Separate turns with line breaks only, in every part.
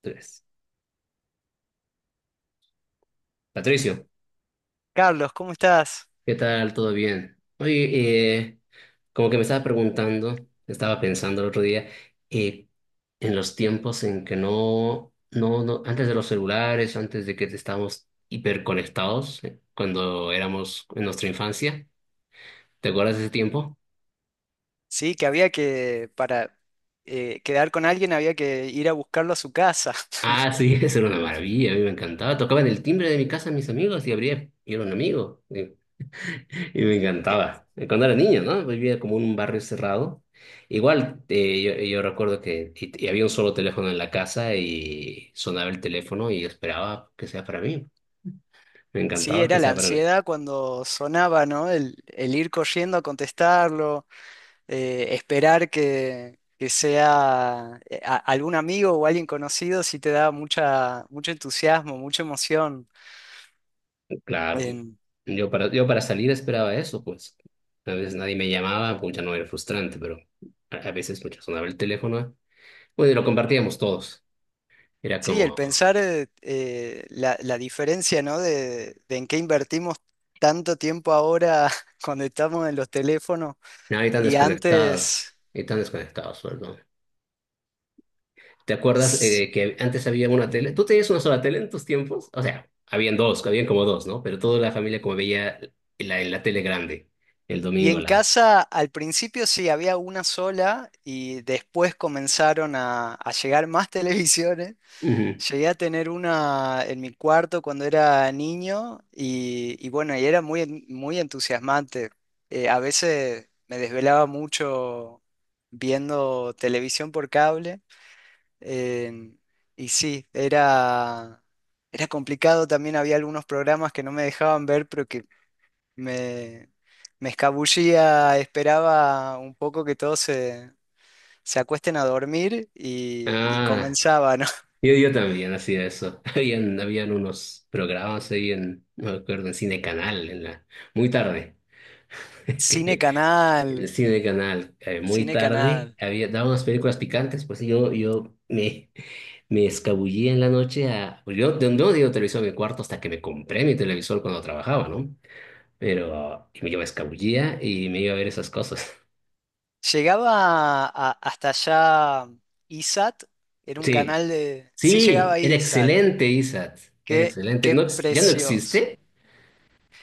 Tres. Patricio,
Carlos, ¿cómo estás?
¿qué tal? ¿Todo bien? Oye, como que me estaba preguntando, estaba pensando el otro día, eh, en los tiempos en que no, antes de los celulares, antes de que estábamos hiperconectados, cuando éramos en nuestra infancia, ¿te acuerdas de ese tiempo?
Sí, que había que, para quedar con alguien había que ir a buscarlo a su casa.
Ah, sí, eso era una maravilla, a mí me encantaba. Tocaban el timbre de mi casa mis amigos y abría, y era un amigo. Y me
Eh,
encantaba. Cuando era niño, ¿no? Vivía como en un barrio cerrado. Igual, yo recuerdo que y había un solo teléfono en la casa y sonaba el teléfono y esperaba que sea para mí. Me
Sí,
encantaba que
era la
sea para mí.
ansiedad cuando sonaba, ¿no? El ir corriendo a contestarlo, esperar que sea algún amigo o alguien conocido, sí te da mucha, mucho entusiasmo, mucha emoción.
Claro. Yo para salir esperaba eso, pues. A veces nadie me llamaba, pues ya no era frustrante, pero a veces mucho sonaba el teléfono. Bueno, y lo compartíamos todos. Era
Sí, el
como,
pensar la diferencia, ¿no? De en qué invertimos tanto tiempo ahora cuando estamos en los teléfonos
no,
y antes.
y tan desconectados, pues. ¿Te acuerdas
s-
que antes había una tele? ¿Tú tenías una sola tele en tus tiempos? O sea, habían dos, habían como dos, ¿no? Pero toda la familia como veía la tele grande, el
Y
domingo
en
la...
casa al principio sí había una sola y después comenzaron a llegar más televisiones.
Ujú.
Llegué a tener una en mi cuarto cuando era niño y bueno, y era muy entusiasmante. A veces me desvelaba mucho viendo televisión por cable em, y sí, era complicado. También había algunos programas que no me dejaban ver, pero que me, me escabullía, esperaba un poco que todos se acuesten a dormir y
Ah,
comenzaba, ¿no?
yo también hacía eso. Habían unos programas ahí en, no me acuerdo, en Cine Canal, en la, muy tarde.
Cine
Que el
Canal.
Cine Canal, muy
Cine
tarde,
Canal.
había, daban unas películas picantes, pues sí, me escabullía en la noche a... pues, Yo no digo televisor en mi cuarto hasta que me compré mi televisor cuando trabajaba, ¿no? Pero yo me escabullía y me iba a ver esas cosas.
Llegaba hasta allá ISAT, era un
Sí,
canal de. Sí
sí,
llegaba
era
ISAT,
excelente, Isaac, era
qué,
excelente.
qué
No, ¿ya no
precioso.
existe?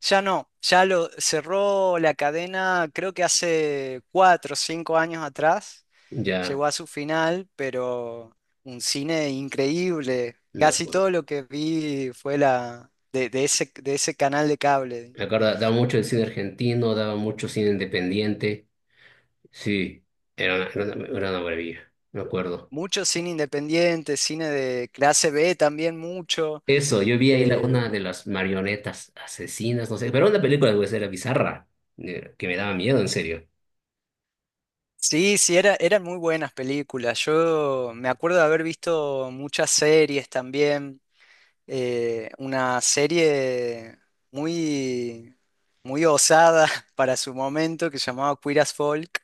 Ya no, ya lo cerró la cadena, creo que hace 4 o 5 años atrás,
Ya,
llegó a su final, pero un cine increíble.
me
Casi
acuerdo.
todo lo que vi fue la, de ese canal de cable.
Me acuerdo, daba mucho el cine argentino, daba mucho cine independiente. Sí, era una maravilla, me acuerdo.
Mucho cine independiente, cine de clase B también mucho.
Eso, yo vi ahí
eh,
una de las marionetas asesinas, no sé, pero era una película de era bizarra, que me daba miedo, en serio.
Sí, sí, eran muy buenas películas. Yo me acuerdo de haber visto muchas series también. Una serie muy, muy osada para su momento que se llamaba Queer as Folk.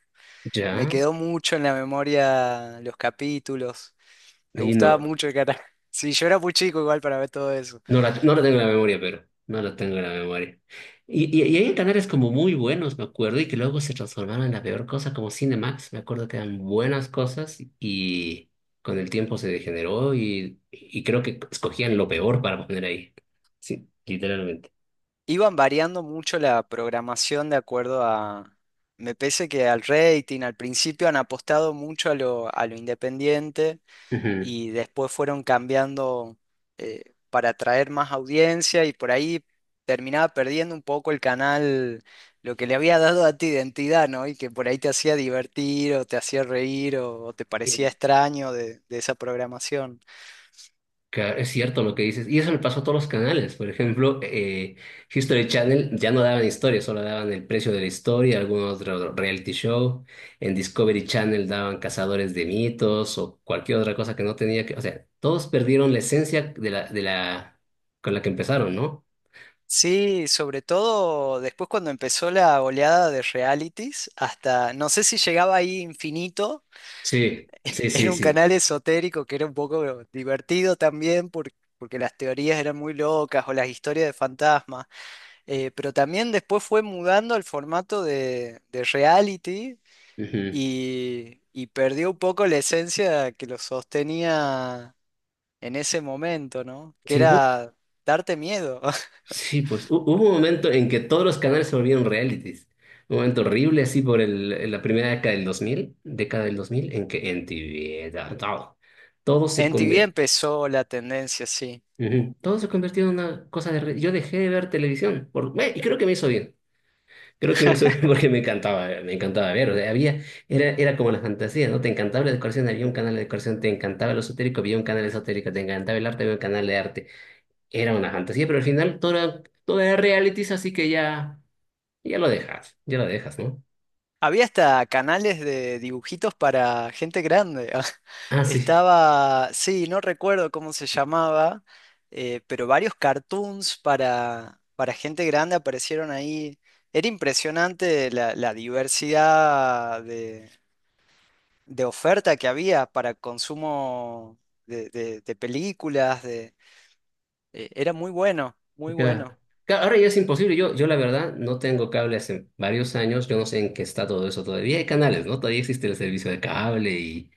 Me
Ya,
quedó mucho en la memoria los capítulos. Me
y
gustaba
no,
mucho el cara. Sí, yo era muy chico igual para ver todo eso.
no la tengo en la memoria, pero no la tengo en la memoria. Y hay canales como muy buenos, me acuerdo, y que luego se transformaron en la peor cosa, como Cinemax, me acuerdo que eran buenas cosas y con el tiempo se degeneró y creo que escogían lo peor para poner ahí. Sí, literalmente.
Iban variando mucho la programación de acuerdo a, me parece que al rating, al principio han apostado mucho a lo, independiente
Ujú.
y después fueron cambiando para atraer más audiencia y por ahí terminaba perdiendo un poco el canal, lo que le había dado a tu identidad, ¿no? Y que por ahí te hacía divertir o te hacía reír o te parecía extraño de esa programación.
Claro, es cierto lo que dices. Y eso le pasó a todos los canales. Por ejemplo, History Channel ya no daban historia, solo daban el precio de la historia, algún otro reality show. En Discovery Channel daban cazadores de mitos o cualquier otra cosa que no tenía que... O sea, todos perdieron la esencia de la con la que empezaron, ¿no?
Sí, sobre todo después cuando empezó la oleada de realities, hasta no sé si llegaba ahí Infinito.
Sí, sí,
Era
sí,
un
sí.
canal esotérico que era un poco divertido también porque las teorías eran muy locas o las historias de fantasmas. Pero también después fue mudando al formato de reality
Ujú.
y perdió un poco la esencia que lo sostenía en ese momento, ¿no? Que
Sí, hubo.
era darte miedo.
Sí, pues hubo un momento en que todos los canales se volvieron realities. Un momento horrible, así por el, en la primera década del 2000, década del 2000, en que MTV, todo, todo se
En TV
convirtió,
empezó la tendencia, sí.
todo se convirtió en una cosa de... Yo dejé de ver televisión, y creo que me hizo bien. Creo que me hizo bien porque me encantaba ver. O sea, había, era como la fantasía, ¿no? Te encantaba la decoración, había un canal de decoración, te encantaba lo esotérico, había un canal esotérico, te encantaba el arte, había un canal de arte. Era una fantasía, pero al final todo era realities, así que ya... Y ya lo dejas, ya lo dejas, ¿no?
Había hasta canales de dibujitos para gente grande.
Ah, sí.
Estaba, sí, no recuerdo cómo se llamaba, pero varios cartoons para gente grande aparecieron ahí. Era impresionante la diversidad de oferta que había para consumo de películas. Era muy bueno, muy
Ya.
bueno.
Ahora ya es imposible. Yo la verdad no tengo cable hace varios años. Yo no sé en qué está todo eso todavía. Hay canales, ¿no? Todavía existe el servicio de cable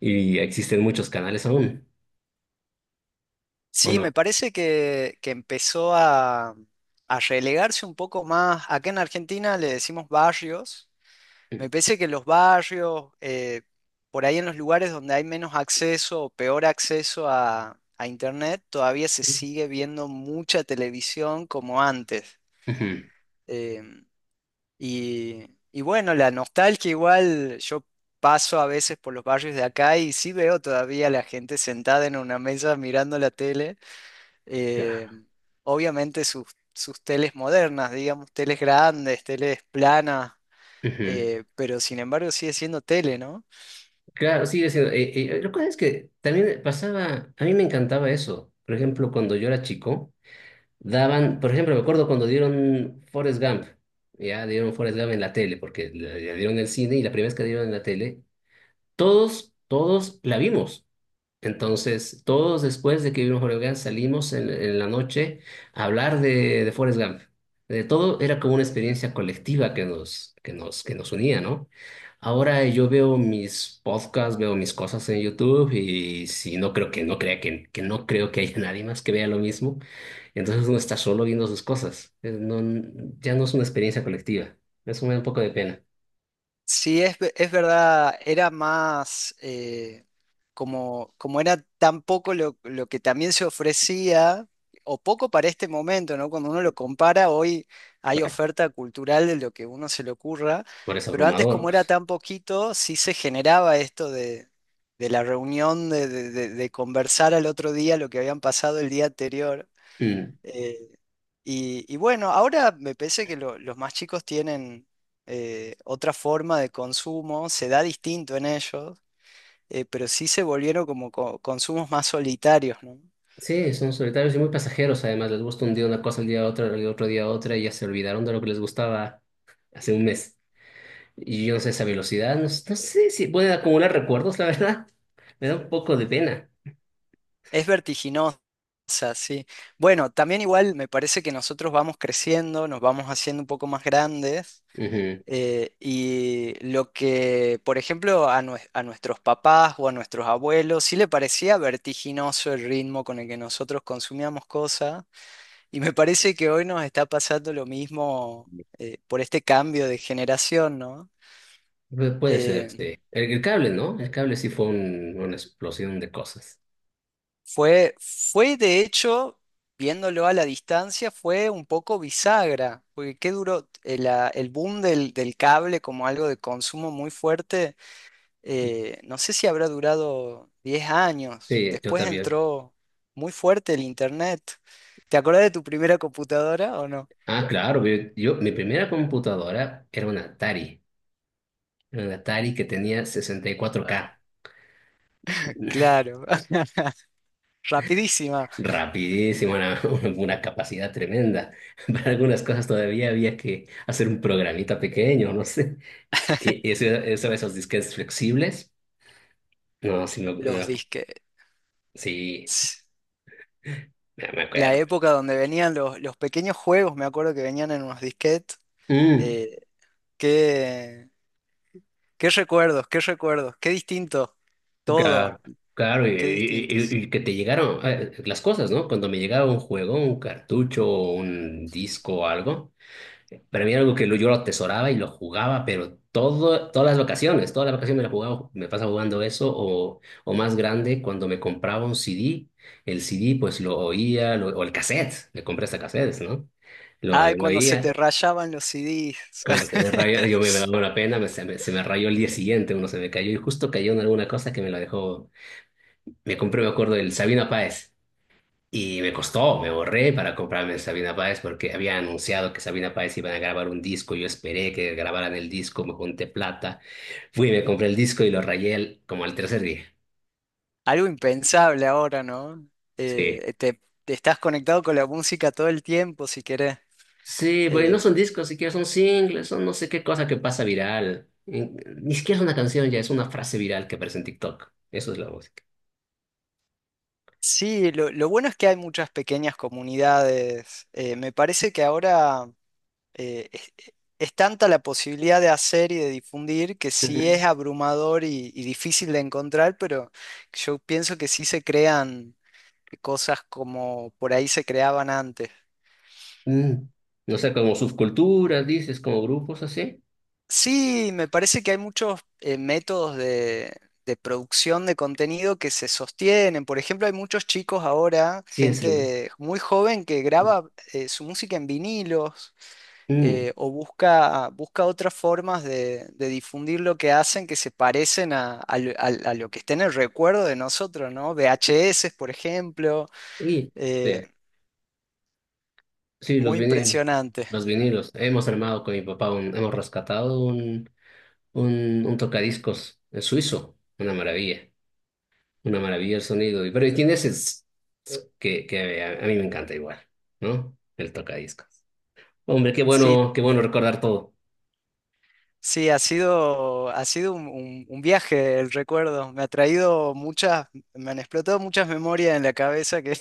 y existen muchos canales aún, ¿o
Sí, me
no?
parece que empezó a relegarse un poco más. Acá en Argentina le decimos barrios. Me parece que los barrios, por ahí en los lugares donde hay menos acceso o peor acceso a Internet, todavía se sigue viendo mucha televisión como antes.
Ujú,
Em, y, y bueno, la nostalgia igual, yo paso a veces por los barrios de acá y sí veo todavía a la gente sentada en una mesa mirando la tele, eh,
claro,
obviamente sus teles modernas, digamos, teles grandes, teles planas,
ujú.
pero sin embargo sigue siendo tele, ¿no?
Claro, sigue siendo. Lo que es que también pasaba, a mí me encantaba eso. Por ejemplo, cuando yo era chico. Daban, por ejemplo, me acuerdo cuando dieron Forrest Gump, ya dieron Forrest Gump en la tele, porque la dieron en el cine y la primera vez que dieron en la tele, todos la vimos. Entonces, todos después de que vimos Forrest Gump salimos en la noche a hablar de Forrest Gump. De todo era como una experiencia colectiva que que nos unía, ¿no? Ahora yo veo mis podcasts, veo mis cosas en YouTube y si no creo que no crea que no creo que haya nadie más que vea lo mismo, entonces uno está solo viendo sus cosas. No, ya no es una experiencia colectiva. Eso me da un poco de pena.
Sí, es verdad, era más, como era tan poco lo que también se ofrecía, o poco para este momento, ¿no? Cuando uno lo compara, hoy hay oferta cultural de lo que uno se le ocurra,
Por eso
pero antes
abrumador,
como era
pues.
tan poquito, sí se generaba esto de la reunión, de conversar al otro día lo que habían pasado el día anterior.
Mm.
eh, y bueno, ahora me parece que los más chicos tienen, otra forma de consumo, se da distinto en ellos, pero sí se volvieron como consumos más solitarios, ¿no?
Sí, son solitarios y muy pasajeros, además. Les gusta un día una cosa, el día otra, el otro día otra, y ya se olvidaron de lo que les gustaba hace un mes. Y yo no sé esa velocidad, no sé si pueden acumular recuerdos, la verdad. Me da un poco de pena.
Es vertiginosa, sí. Bueno, también igual me parece que nosotros vamos creciendo, nos vamos haciendo un poco más grandes,
Ujú.
y lo que, por ejemplo, a nuestros papás o a nuestros abuelos sí le parecía vertiginoso el ritmo con el que nosotros consumíamos cosas, y me parece que hoy nos está pasando lo mismo, por este cambio de generación, ¿no?
Puede ser,
Eh,
sí. El cable, ¿no? El cable sí fue una explosión de cosas.
fue de hecho, viéndolo a la distancia, fue un poco bisagra, porque qué duró el boom del cable como algo de consumo muy fuerte, no sé si habrá durado 10 años.
Sí, yo
Después
también.
entró muy fuerte el internet. ¿Te acuerdas de tu primera computadora o no?
Ah, claro, mi primera computadora era una Atari. Era una Atari que tenía 64K.
Claro, rapidísima.
Rapidísimo, una, una capacidad tremenda. Para algunas cosas todavía había que hacer un programita pequeño, no sé. Y eso, esos disquetes flexibles, no, sí, me-
Los
no,
disquetes.
sí, me me
La
acuerdo.
época donde venían los pequeños juegos, me acuerdo que venían en unos disquetes.
Mm,
eh, Qué recuerdos, qué recuerdos, qué distinto todo,
ca- claro, y,
qué distintos.
y- y- y que te llegaron las cosas, ¿no? Cuando me llegaba un juego, un cartucho, un disco o algo. Para mí era algo que yo lo atesoraba y lo jugaba, pero todo, todas las vacaciones me la jugaba, me pasa jugando eso, o más grande, cuando me compraba un CD, el CD pues lo oía, o el cassette, me compré hasta cassettes, ¿no?
Ay,
Lo
cuando se te
oía.
rayaban los CDs.
Cuando se me rayó, me daba una pena, se me rayó el día siguiente, uno se me cayó y justo cayó en alguna cosa que me la dejó. Me compré, me acuerdo, el Sabino Páez. Y me costó, me borré para comprarme Sabina Páez porque había anunciado que Sabina Páez iban a grabar un disco. Yo esperé que grabaran el disco, me junté plata. Fui, me compré el disco y lo rayé como al tercer día.
Algo impensable ahora, ¿no?
Sí.
Te estás conectado con la música todo el tiempo, si querés.
Sí, pues no
Eh,
son discos siquiera, son singles, son no sé qué cosa que pasa viral. Ni siquiera es una canción ya, es una frase viral que aparece en TikTok. Eso es la música.
sí, lo bueno es que hay muchas pequeñas comunidades. Me parece que ahora eh, es, es tanta la posibilidad de hacer y de difundir que
Ujú.
sí es abrumador y difícil de encontrar, pero yo pienso que sí se crean cosas como por ahí se creaban antes.
Mm. No sé, como subculturas, dices, como grupos así.
Sí, me parece que hay muchos métodos de producción de contenido que se sostienen. Por ejemplo, hay muchos chicos ahora,
Sí, es un...
gente muy joven que graba su música en vinilos,
Mm.
o busca otras formas de difundir lo que hacen que se parecen a lo que está en el recuerdo de nosotros, ¿no? VHS, por ejemplo,
Y-
eh,
Sí. Sí, los
muy
vinilos.
impresionante.
Los vinilos. Hemos armado con mi papá un, hemos rescatado un, un tocadiscos suizo. Una maravilla. Una maravilla el sonido. Y- Pero tiene ese tss, tss que a mí me encanta igual, ¿no? El tocadiscos. Hombre,
Sí,
qué bueno recordar todo.
sí, ha sido un viaje el recuerdo. Me ha traído muchas, me han explotado muchas memorias en la cabeza que,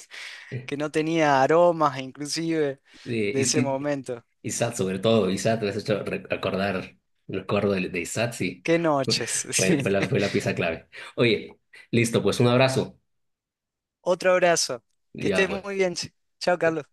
Eh,
que no tenía aromas, inclusive, de
y,
ese
y-
momento.
Isaac, sobre todo, Isaac, me has hecho recordar, recuerdo de Isaac, sí.
Qué noches.
Fue,
Sí.
fue la pieza clave. Oye, listo, pues un abrazo.
Otro abrazo. Que
Ya,
estés
pues.
muy bien. Chao, Carlos.